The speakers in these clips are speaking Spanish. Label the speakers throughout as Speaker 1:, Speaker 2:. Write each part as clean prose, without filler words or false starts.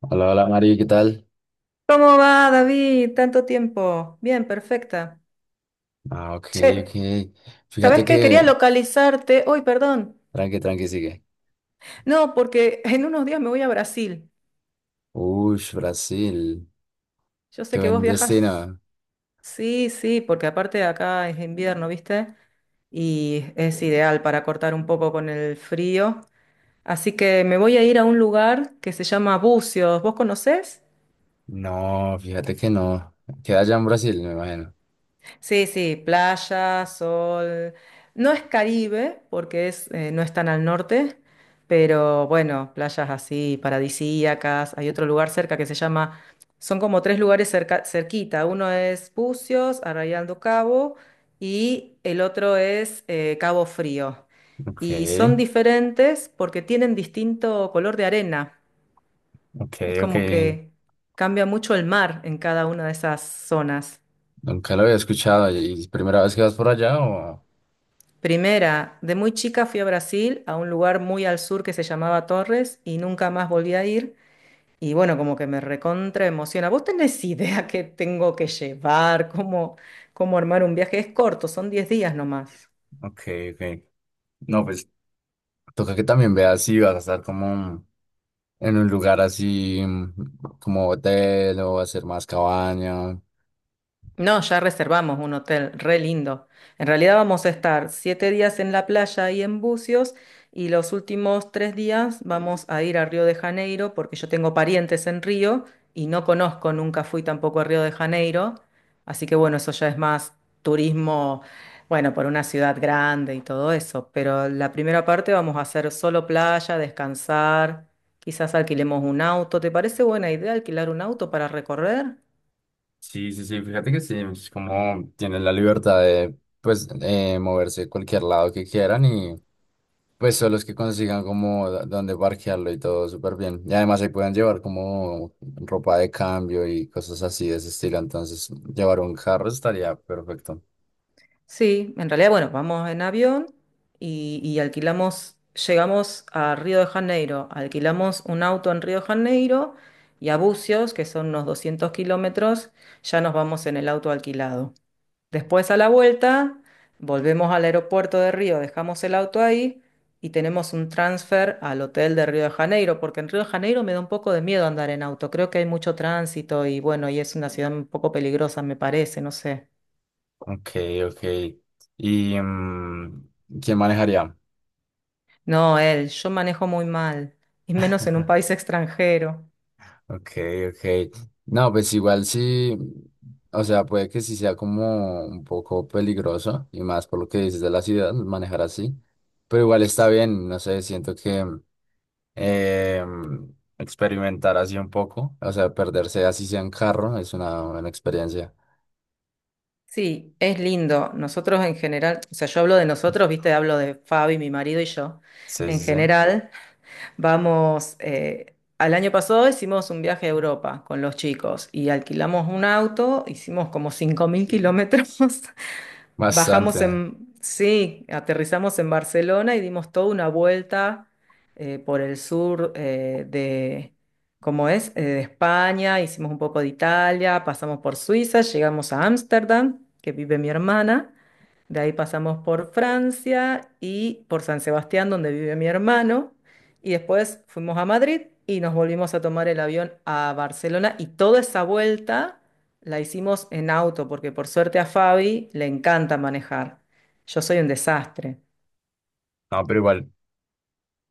Speaker 1: Hola, hola Mari, ¿qué tal?
Speaker 2: ¿Cómo va, David? Tanto tiempo. Bien, perfecta.
Speaker 1: Ah, ok,
Speaker 2: Che,
Speaker 1: ok. Fíjate
Speaker 2: ¿sabes qué? Quería
Speaker 1: que,
Speaker 2: localizarte. Uy, perdón.
Speaker 1: tranqui, tranqui, sigue.
Speaker 2: No, porque en unos días me voy a Brasil.
Speaker 1: Uy, Brasil,
Speaker 2: Yo sé
Speaker 1: qué
Speaker 2: que vos
Speaker 1: buen
Speaker 2: viajas.
Speaker 1: destino.
Speaker 2: Sí, sí, porque aparte de acá es invierno, ¿viste? Y es ideal para cortar un poco con el frío. Así que me voy a ir a un lugar que se llama Bucios. ¿Vos conocés?
Speaker 1: No, fíjate que no. Queda allá en Brasil, me imagino.
Speaker 2: Sí, sí, playa, sol. No es Caribe, porque es, no es tan al norte, pero bueno, playas así paradisíacas. Hay otro lugar cerca que se llama, son como tres lugares cerca, cerquita. Uno es Pucios, Arrayal do Cabo, y el otro es Cabo Frío.
Speaker 1: Ok,
Speaker 2: Y son diferentes porque tienen distinto color de arena.
Speaker 1: ok,
Speaker 2: Es
Speaker 1: ok.
Speaker 2: como que cambia mucho el mar en cada una de esas zonas.
Speaker 1: Nunca lo había escuchado. ¿Y es primera vez que vas por allá o...?
Speaker 2: Primera, de muy chica fui a Brasil, a un lugar muy al sur que se llamaba Torres y nunca más volví a ir. Y bueno, como que me recontra emociona. ¿Vos tenés idea qué tengo que llevar? ¿Cómo armar un viaje? Es corto, son 10 días nomás.
Speaker 1: Ok, ok. No, pues toca que también veas si vas a estar como en un lugar así, como hotel o hacer más cabaña.
Speaker 2: No, ya reservamos un hotel re lindo. En realidad vamos a estar 7 días en la playa y en Bucios y los últimos 3 días vamos a ir a Río de Janeiro porque yo tengo parientes en Río y no conozco, nunca fui tampoco a Río de Janeiro. Así que bueno, eso ya es más turismo, bueno, por una ciudad grande y todo eso. Pero la primera parte vamos a hacer solo playa, descansar, quizás alquilemos un auto. ¿Te parece buena idea alquilar un auto para recorrer?
Speaker 1: Sí, sí, sí, fíjate que sí, es como tienen la libertad de, pues, moverse a cualquier lado que quieran y, pues, son los que consigan como dónde parquearlo y todo súper bien. Y además ahí pueden llevar como ropa de cambio y cosas así de ese estilo, entonces llevar un carro estaría perfecto.
Speaker 2: Sí, en realidad, bueno, vamos en avión y alquilamos, llegamos a Río de Janeiro, alquilamos un auto en Río de Janeiro y a Bucios, que son unos 200 kilómetros, ya nos vamos en el auto alquilado. Después a la vuelta, volvemos al aeropuerto de Río, dejamos el auto ahí y tenemos un transfer al hotel de Río de Janeiro, porque en Río de Janeiro me da un poco de miedo andar en auto, creo que hay mucho tránsito y bueno, y es una ciudad un poco peligrosa, me parece, no sé.
Speaker 1: Ok, ok. ¿Y quién manejaría?
Speaker 2: No, él, yo manejo muy mal, y menos en un país extranjero.
Speaker 1: Ok, ok. No, pues igual sí, o sea, puede que sí sea como un poco peligroso y más por lo que dices de la ciudad, manejar así, pero igual está bien, no sé, siento que eh, experimentar así un poco, o sea, perderse así sea en carro es una buena experiencia.
Speaker 2: Sí, es lindo. Nosotros en general, o sea, yo hablo de nosotros, viste, hablo de Fabi, mi marido y yo.
Speaker 1: Sí,
Speaker 2: En
Speaker 1: sí, sí,
Speaker 2: general, vamos, al año pasado hicimos un viaje a Europa con los chicos y alquilamos un auto, hicimos como 5.000 kilómetros Bajamos
Speaker 1: bastante.
Speaker 2: en, sí, aterrizamos en Barcelona y dimos toda una vuelta por el sur de, ¿cómo es? De España, hicimos un poco de Italia, pasamos por Suiza, llegamos a Ámsterdam, que vive mi hermana, de ahí pasamos por Francia y por San Sebastián, donde vive mi hermano, y después fuimos a Madrid y nos volvimos a tomar el avión a Barcelona y toda esa vuelta. La hicimos en auto porque por suerte a Fabi le encanta manejar. Yo soy un desastre.
Speaker 1: No, pero igual.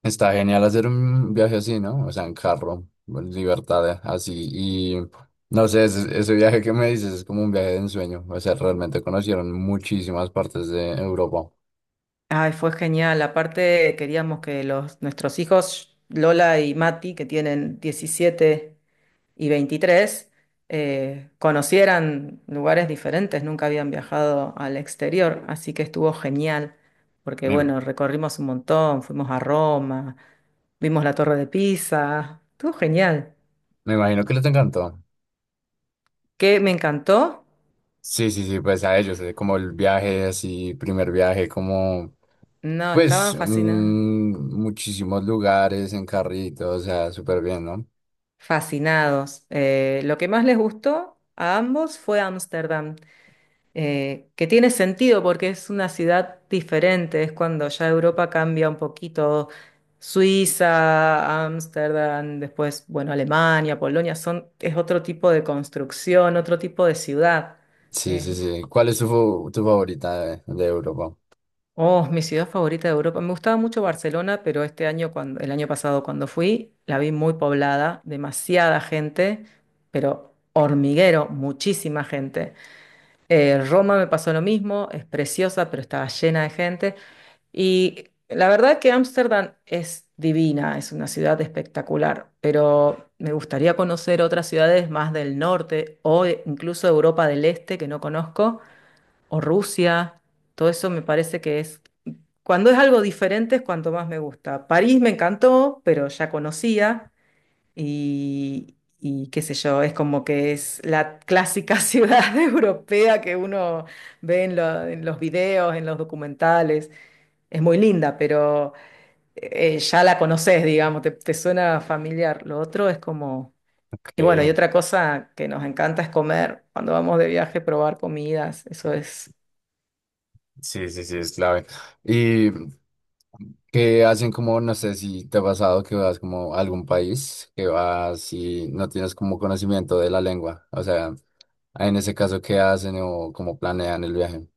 Speaker 1: Está genial hacer un viaje así, ¿no? O sea, en carro, en libertad, así. Y no sé, ese viaje que me dices es como un viaje de ensueño. O sea, realmente conocieron muchísimas partes de Europa.
Speaker 2: Ay, fue genial. Aparte, queríamos que los, nuestros hijos, Lola y Mati, que tienen 17 y 23 conocieran lugares diferentes. Nunca habían viajado al exterior, así que estuvo genial. Porque
Speaker 1: Me,
Speaker 2: bueno, recorrimos un montón, fuimos a Roma, vimos la Torre de Pisa. Estuvo genial.
Speaker 1: me imagino que les encantó.
Speaker 2: ¿Qué me encantó?
Speaker 1: Sí, sí, sí, pues a ellos, como el viaje así, primer viaje, como
Speaker 2: No,
Speaker 1: pues
Speaker 2: estaban fascinados.
Speaker 1: muchísimos lugares en carrito, o sea, súper bien, ¿no?
Speaker 2: Fascinados. Lo que más les gustó a ambos fue Ámsterdam, que tiene sentido porque es una ciudad diferente, es cuando ya Europa cambia un poquito. Suiza, Ámsterdam, después, bueno, Alemania, Polonia, son, es otro tipo de construcción, otro tipo de ciudad.
Speaker 1: Sí, sí, sí. ¿Cuál es tu, tu favorita de Europa?
Speaker 2: Oh, mi ciudad favorita de Europa. Me gustaba mucho Barcelona, pero este año, cuando, el año pasado cuando fui, la vi muy poblada, demasiada gente, pero hormiguero, muchísima gente. Roma me pasó lo mismo, es preciosa, pero estaba llena de gente. Y la verdad que Ámsterdam es divina, es una ciudad espectacular, pero me gustaría conocer otras ciudades más del norte o incluso Europa del Este que no conozco, o Rusia. Todo eso me parece que es cuando es algo diferente es cuanto más me gusta. París me encantó, pero ya conocía y qué sé yo, es como que es la clásica ciudad europea que uno ve en, en los videos, en los documentales. Es muy linda, pero ya la conoces, digamos, te suena familiar. Lo otro es como...
Speaker 1: Ok,
Speaker 2: Y bueno, y otra cosa que nos encanta es comer. Cuando vamos de viaje, probar comidas. Eso es.
Speaker 1: sí, sí, sí, es clave. Y que hacen como, no sé si te ha pasado que vas como a algún país, que vas y no tienes como conocimiento de la lengua. O sea, en ese caso, ¿qué hacen o cómo planean el viaje?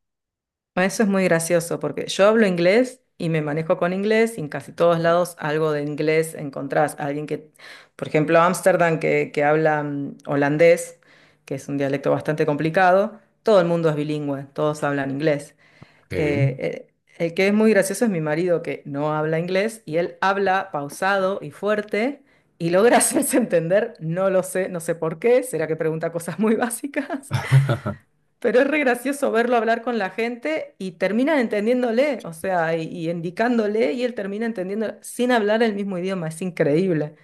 Speaker 2: Bueno, eso es muy gracioso porque yo hablo inglés y me manejo con inglés y en casi todos lados algo de inglés encontrás. Alguien que, por ejemplo, Ámsterdam que habla holandés, que es un dialecto bastante complicado, todo el mundo es bilingüe, todos hablan inglés.
Speaker 1: Okay.
Speaker 2: El que es muy gracioso es mi marido que no habla inglés y él habla pausado y fuerte y logra hacerse entender, no lo sé, no sé por qué, será que pregunta cosas muy básicas, pero es re gracioso verlo hablar con la gente y terminan entendiéndole, o sea, y indicándole y él termina entendiendo sin hablar el mismo idioma, es increíble.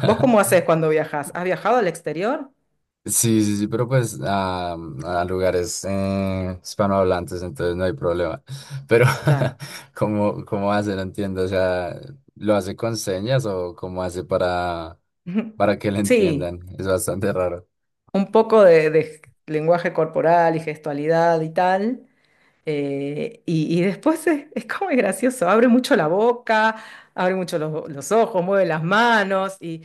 Speaker 2: ¿Vos cómo haces cuando viajas? ¿Has viajado al exterior?
Speaker 1: Sí, sí, sí, pero pues a lugares hispanohablantes, entonces no hay problema. Pero,
Speaker 2: Claro.
Speaker 1: ¿cómo, cómo hace? No entiendo, o sea, ¿lo hace con señas o cómo hace para que le
Speaker 2: Sí,
Speaker 1: entiendan? Es bastante raro.
Speaker 2: un poco de lenguaje corporal y gestualidad y tal. Y después es como es gracioso, abre mucho la boca, abre mucho los ojos, mueve las manos y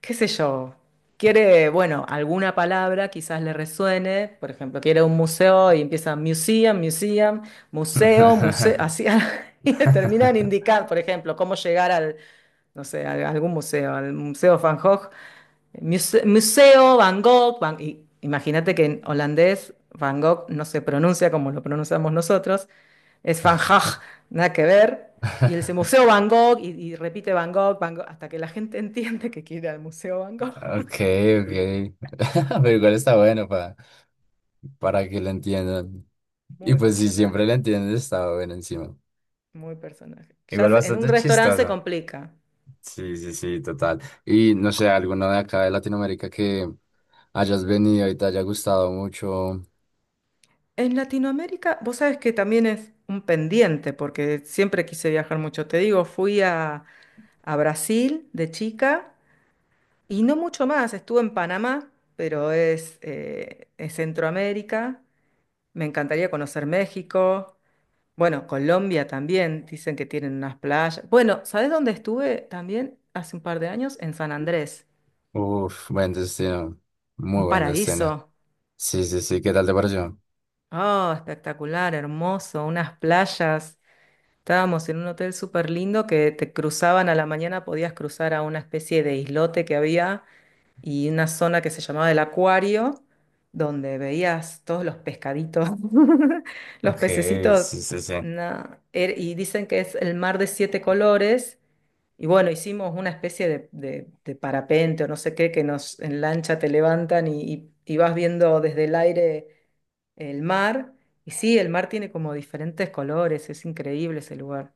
Speaker 2: qué sé yo, quiere, bueno, alguna palabra quizás le resuene, por ejemplo, quiere un museo y empieza museum, museum, museo, museo, así, y le terminan indicar, por ejemplo, cómo llegar al, no sé, a algún museo, al Museo Van Gogh, Museo Van Gogh, y imagínate que en holandés Van Gogh no se pronuncia como lo pronunciamos nosotros, es Van Gogh, nada que ver. Y el
Speaker 1: Ok,
Speaker 2: Museo Van Gogh, y repite Van Gogh, Van Gogh, hasta que la gente entiende que quiere al Museo Van Gogh.
Speaker 1: ok. Pero igual está bueno para que lo entiendan. Y
Speaker 2: Muy
Speaker 1: pues si siempre lo
Speaker 2: personaje,
Speaker 1: entienden, está bueno encima.
Speaker 2: muy personaje. Ya
Speaker 1: Igual
Speaker 2: en un
Speaker 1: bastante
Speaker 2: restaurante se
Speaker 1: chistosa.
Speaker 2: complica.
Speaker 1: Sí, sí, sí, total. Y no sé, alguno de acá de Latinoamérica que hayas venido y te haya gustado mucho.
Speaker 2: En Latinoamérica, vos sabés que también es un pendiente, porque siempre quise viajar mucho. Te digo, fui a Brasil de chica y no mucho más. Estuve en Panamá, pero es Centroamérica. Me encantaría conocer México. Bueno, Colombia también, dicen que tienen unas playas. Bueno, ¿sabes dónde estuve también hace un par de años? En San Andrés,
Speaker 1: Uf, buen destino. Muy
Speaker 2: un
Speaker 1: buen destino.
Speaker 2: paraíso.
Speaker 1: Sí, sí, sí, ¿qué tal te pareció?
Speaker 2: Oh, espectacular, hermoso, unas playas. Estábamos en un hotel súper lindo que te cruzaban a la mañana, podías cruzar a una especie de islote que había y una zona que se llamaba el acuario, donde veías todos los pescaditos, los
Speaker 1: Ok,
Speaker 2: pececitos.
Speaker 1: sí, sí, sí.
Speaker 2: No, y dicen que es el mar de siete colores. Y bueno, hicimos una especie de, de parapente o no sé qué, que nos en lancha te levantan y vas viendo desde el aire el mar. Y sí, el mar tiene como diferentes colores, es increíble ese lugar.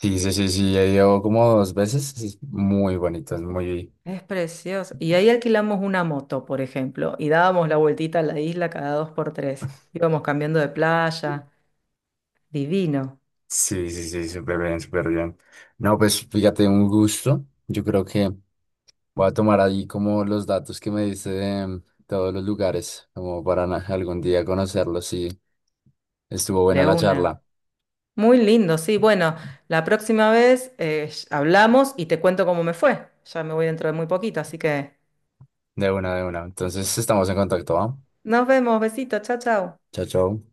Speaker 1: Sí, sí, sí, sí, ya llevo como dos veces. Es muy bonito, es muy,
Speaker 2: Es precioso. Y ahí alquilamos una moto, por ejemplo, y dábamos la vueltita a la isla cada dos por tres. Íbamos cambiando de playa, divino,
Speaker 1: sí, sí, sí, súper bien, súper bien. No, pues fíjate, un gusto. Yo creo que voy a tomar ahí como los datos que me diste de todos los lugares, como para algún día conocerlos. Sí, estuvo buena
Speaker 2: de
Speaker 1: la
Speaker 2: una.
Speaker 1: charla.
Speaker 2: Muy lindo, sí. Bueno, la próxima vez hablamos y te cuento cómo me fue. Ya me voy dentro de muy poquito, así que...
Speaker 1: De una, de una. Entonces estamos en contacto, ¿va?
Speaker 2: Nos vemos, besito, chao, chao.
Speaker 1: Chao, chao.